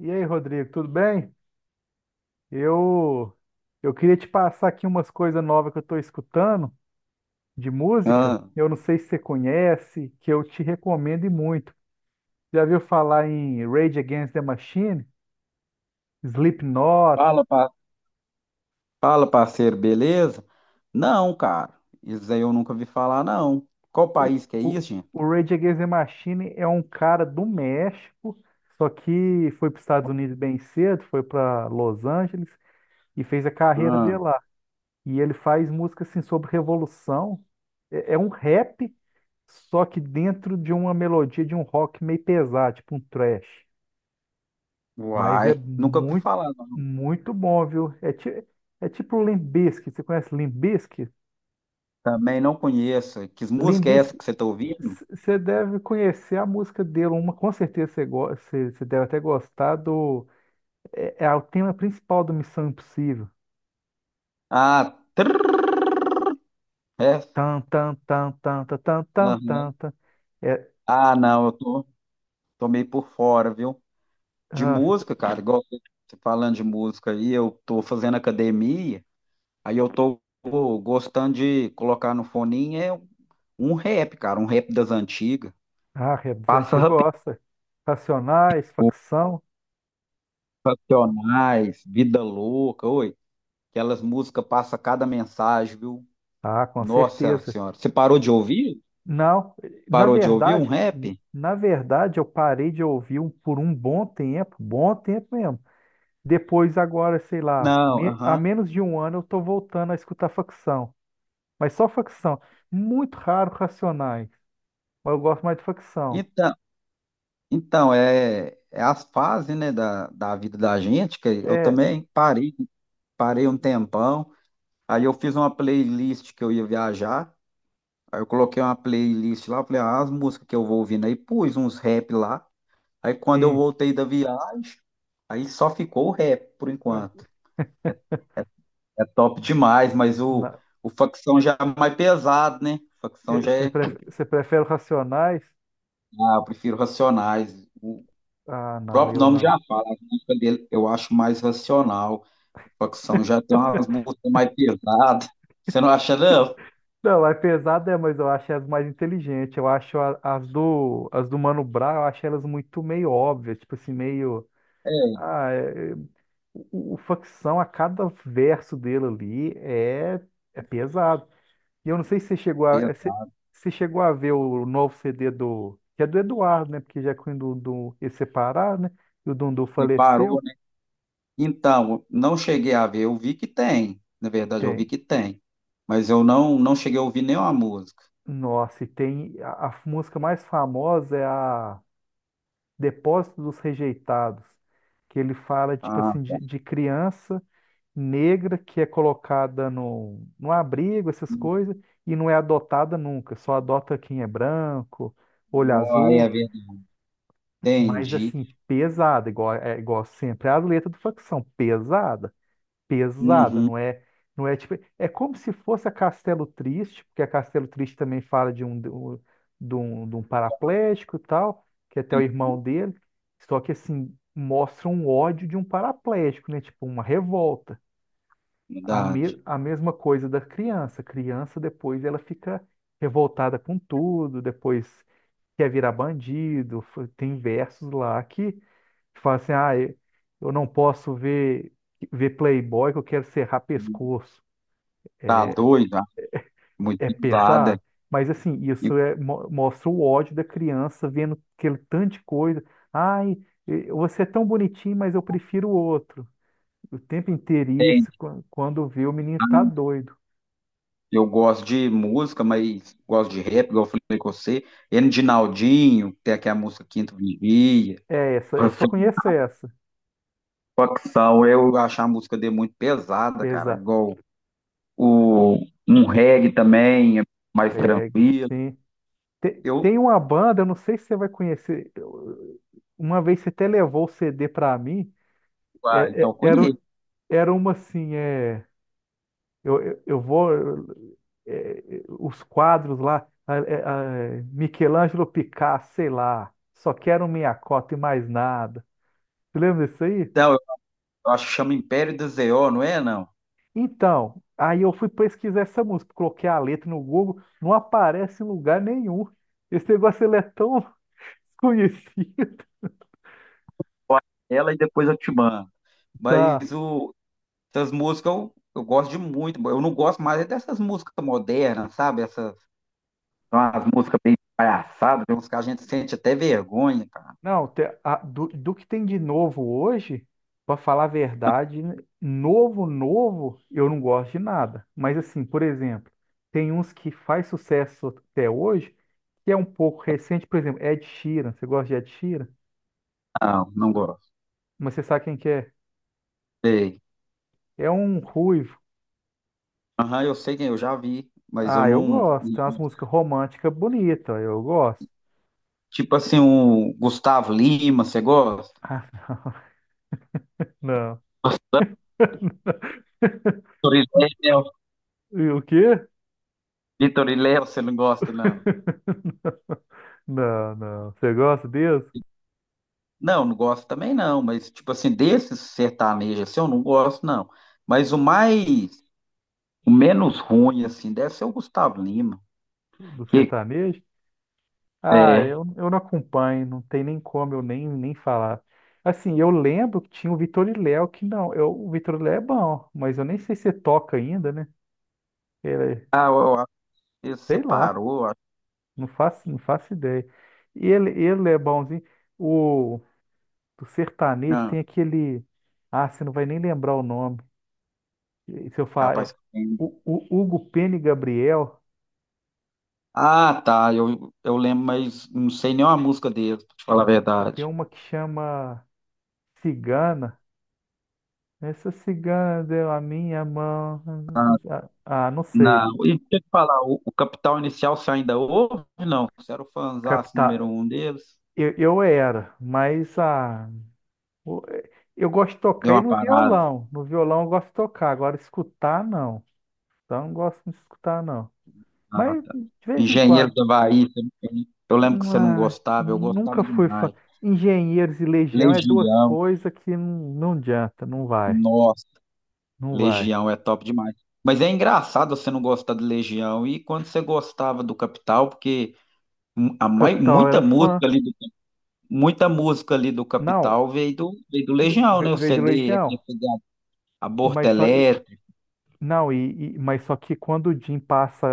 E aí, Rodrigo, tudo bem? Eu eu queria te passar aqui umas coisas novas que eu estou escutando de música. Ah, Eu não sei se você conhece, que eu te recomendo e muito. Já viu falar em Rage Against the Machine, Slipknot? fala, fala, parceiro, beleza? Não, cara, isso aí eu nunca vi falar, não. Qual Eu- país que é o, isso, gente? o Rage Against the Machine é um cara do México, só que foi para os Estados Unidos bem cedo, foi para Los Angeles e fez a carreira Ah, dele lá. E ele faz música assim sobre revolução. É um rap. Só que dentro de uma melodia de um rock meio pesado, tipo um thrash. Mas é uai, nunca vi muito, falar, não. muito bom, viu? É tipo o Limp Bizkit. Você conhece Limp Bizkit? Também não conheço. Que Limp música é essa Bizkit, que você tá ouvindo? Você deve conhecer a música dele. Uma, com certeza você, você deve até gostar do... É, é o tema principal do Missão Impossível. Ah, trrr, essa? Tan, tan, tan, tan, tan, tan, tan, Aham. tan, tan. É, Ah, não, eu tô, tô meio por fora, viu? De ah, você. música, cara, igual você falando de música aí, eu tô fazendo academia, aí eu tô gostando de colocar no foninho é um rap, cara, um rap das antigas. Ah, é dos Passa antigos, Rapidinho, gosta. Racionais, facção. Racionais, Vida Louca, oi. Aquelas músicas passa cada mensagem, viu? Ah, com Nossa certeza. Senhora. Você parou de ouvir? Não, na Parou de ouvir um verdade, rap? na verdade eu parei de ouvir por um bom tempo mesmo. Depois agora, sei lá, Não, há aham. menos de um ano eu tô voltando a escutar facção, mas só facção. Muito raro Racionais, mas eu gosto mais de facção. Então, então é as fases, né, da vida da gente, que eu É, também parei, parei um tempão. Aí eu fiz uma playlist que eu ia viajar. Aí eu coloquei uma playlist lá, falei, ah, as músicas que eu vou ouvindo aí, pus uns rap lá. Aí quando eu e voltei da viagem, aí só ficou o rap por ah, enquanto. É top demais, mas na- o facção já é mais pesado, né? Facção já você é. Você prefere Racionais? Ah, eu prefiro Racionais. O Ah, não, próprio eu nome não. já fala, a música dele eu acho mais racional. O facção já tem umas músicas mais pesadas. Você não acha, não? Não, é pesada, é, mas eu acho as mais inteligentes. Eu acho as do Mano Brown, eu acho elas muito meio óbvias, tipo assim, meio. É, Ah, o Facção, a cada verso dele ali é, é pesado. E eu não sei se você chegou a, é, pesa, se, se chegou a ver o novo CD do. Que é do Eduardo, né? Porque já quando o Dundu eles separar, né? E o Dundu faleceu. separou, né? Então, não cheguei a ver, eu vi que tem. Na verdade, eu Tem. vi que tem. Mas eu não cheguei a ouvir nenhuma música. Nossa, e tem. A música mais famosa é a. Depósito dos Rejeitados, que ele fala, tipo Ah, assim, de criança negra que é colocada no abrigo, essas coisas, e não é adotada nunca, só adota quem é branco, olho aí é azul, verdade. mas Entendi. assim, pesada, igual, é, igual sempre, as letras do facção, pesada pesada, Uhum, não é, não é tipo, é como se fosse a Castelo Triste, porque a Castelo Triste também fala de um paraplégico e tal, que é até o irmão dele, só que assim, mostra um ódio de um paraplégico, né? Tipo, uma revolta. Verdade. A mesma coisa da criança. A criança depois ela fica revoltada com tudo, depois quer virar bandido, tem versos lá que fala assim, ah, eu não posso ver, ver Playboy que eu quero serrar pescoço. Tá doida, muito É usada. pesado, mas assim, E isso é, mostra o ódio da criança vendo aquele tanto de coisa. Ai, você é tão bonitinho, mas eu prefiro o outro. O tempo inteiro isso, quando vê o menino tá doido. eu gosto de música, mas gosto de rap, igual eu falei com você. N de naldinho tem aqui a música Quinto Vigia. É essa, eu só conheço essa. Facção, eu acho a música dele muito pesada, cara. Pesado. Igual o, um reggae também, é mais É, tranquilo. sim. Eu, Tem uma banda, eu não sei se você vai conhecer. Uma vez você até levou o CD pra mim. ah, É- então é- Era, um, conheço. era uma assim, é, Eu vou, os quadros lá, Michelangelo Picasso, sei lá, só quero minha cota e mais nada. Você lembra disso aí? Então, eu acho que chama Império do Zéó, não é, não? Então, aí eu fui pesquisar essa música, coloquei a letra no Google, não aparece em lugar nenhum. Esse negócio ele é tão desconhecido. Ela e depois eu te mando. Tá. Mas o, essas músicas eu gosto de muito. Eu não gosto mais é dessas músicas modernas, sabe? Essas são as músicas bem palhaçadas, tem uns que a gente sente até vergonha, cara. Não, do, do que tem de novo hoje, para falar a verdade, novo, novo, eu não gosto de nada. Mas assim, por exemplo, tem uns que faz sucesso até hoje, que é um pouco recente, por exemplo, Ed Sheeran. Você gosta de Ed Sheeran? Não, não gosto. Mas você sabe quem que é? Sei. É um ruivo. Aham, eu sei quem eu já vi, mas eu Ah, eu não. gosto. Tem umas músicas românticas bonitas, eu gosto. Tipo assim, o Gustavo Lima, você gosta? Ah, não. Vitor e Léo, E o quê? Vitor e Léo, você não gosta, não? Não, não. Você gosta deles? Não, não gosto também não, mas tipo assim, desses sertanejos assim, eu não gosto não. Mas o menos ruim assim, deve ser o Gustavo Lima, Do que sertanejo? Ah, é, eu não acompanho, não tem nem como eu nem falar. Assim, eu lembro que tinha o Vitor e Léo, que não, eu, o Vitor e Léo é bom, mas eu nem sei se toca ainda, né? Ele, eu acho que sei lá, separou. Não faço, não faço ideia. Ele é bonzinho. O do sertanejo tem Não, aquele. Ah, você não vai nem lembrar o nome. E se eu falar. É, capaz que tem. o Hugo Pena e Gabriel Ah, tá. Eu lembro, mas não sei nem uma música deles, pra te falar a tem verdade. uma que chama Cigana. Essa cigana deu a minha mão. Ah, ah, não sei. Não. E deixa eu te falar, o Capital Inicial você ainda ouve? Não. Você era o fãzaço Captar. número um deles? Eu era, mas ah, o- eu gosto de Deu tocar e uma no parada. violão. No violão eu gosto de tocar, agora escutar não. Então não gosto de escutar não. Ah, Mas tá. de vez em Engenheiro quando. da Havaí, eu lembro que você não Ah, gostava, eu nunca gostava fui fã. demais. Engenheiros e Legião é duas Legião, coisas que não, não adianta, não vai, nossa, não vai. Legião é top demais. Mas é engraçado você não gostar de Legião. E quando você gostava do Capital, porque. O Capital Muita era fã. música ali do, muita música ali do Não, Capital veio do Legião, ve- né? O veio de CD, aquele Legião, CD Aborto mas só. Elétrico, Não, mas só que quando o Jim passa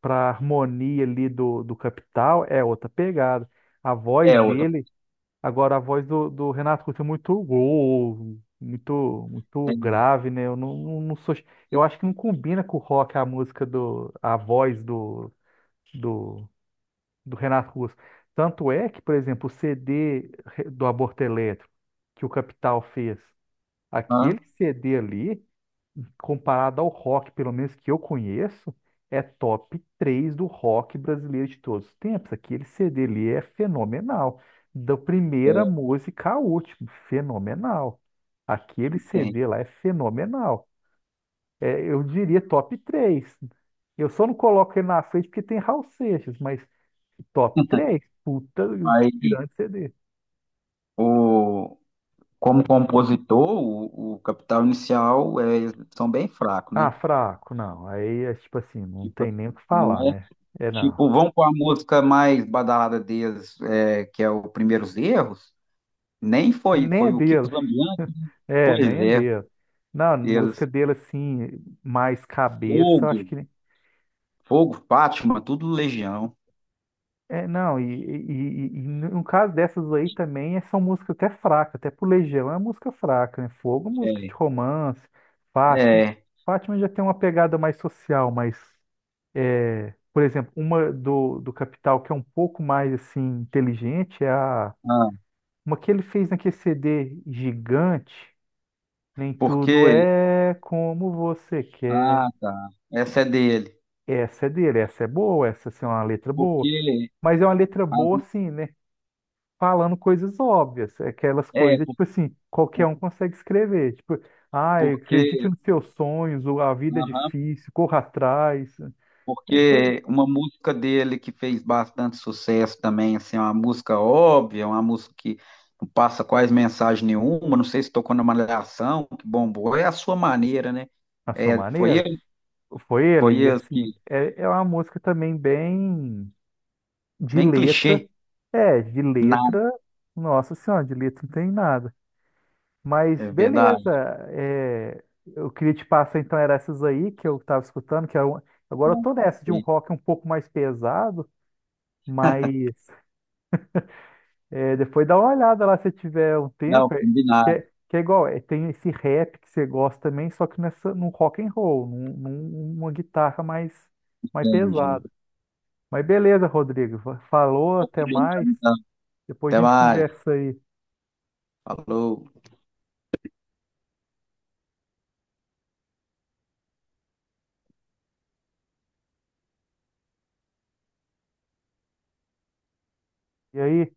para harmonia ali do Capital, é outra pegada. A voz é outra. dele, agora a voz do Renato Russo é muito gol, muito muito Tem, grave, né? Eu não, não, não sou, eu acho que não combina com o rock a música do a voz do, do Renato Russo. Tanto é que, por exemplo, o CD do Aborto Elétrico que o Capital fez, hã? aquele CD ali comparado ao rock, pelo menos que eu conheço, é top 3 do rock brasileiro de todos os tempos. Aquele CD ali é fenomenal. Da primeira música à última, fenomenal. Aquele Tem. CD lá é fenomenal. É, eu diria top 3. Eu só não coloco ele na frente porque tem Raul Seixas, mas top 3. Puta, Mas grande CD. o, como compositor, o Capital Inicial é, são bem fracos, né? Ah, fraco, não. Aí é tipo assim, não Tipo, tem assim, nem o que não falar, é? né? É não. Tipo, vão com a música mais badalada deles, é, que é o Primeiros Erros, nem foi, Nem é foi o Kiko dele. Zambianchi, É, pois nem é é, dele. Não, música eles, dele, assim, mais cabeça, eu Fogo, acho que. Fogo, Fátima, tudo Legião. É, não, e no caso dessas aí também, é, são músicas até fracas, até pro Legião é música fraca, né? Fogo, música de É, romance, Fátima. é. Fátima já tem uma pegada mais social, mas, é, por exemplo, uma do Capital que é um pouco mais, assim, inteligente é a. Ah, Uma que ele fez naquele CD gigante, Nem Tudo porque. É Como Você Quer. Ah, tá. Essa é dele. Essa é dele, essa é boa, essa assim, é uma letra boa, Porque. mas é uma letra boa As- assim, né? Falando coisas óbvias, aquelas É, coisas, tipo assim, qualquer por- um consegue escrever, tipo, ah, porque. acredite nos seus sonhos, ou a vida é Aham, difícil, corra atrás, é coisa, porque uma música dele que fez bastante sucesso também, assim, é uma música óbvia, é uma música que não passa quase mensagem nenhuma, não sei se tocou na Malhação, que bombou, é a sua maneira, né? na sua É, maneira. Foi foi ele, e ele que. assim, é uma música também bem de Bem letra, clichê, é, de nada, letra, nossa senhora, de letra não tem nada. Mas é beleza, verdade. é, eu queria te passar então era essas aí que eu estava escutando, agora eu Não, tô nessa de um foi- rock um pouco mais pesado, mas é, depois dá uma olhada lá se tiver um não, tempo, que, combinado, é, que é igual, é, tem esse rap que você gosta também, só que nessa, num rock and roll, num, num- numa guitarra mais, mais entendi. pesada. Mas beleza, Rodrigo, falou, até mais, depois a Até gente mais. conversa aí. Falou. E aí?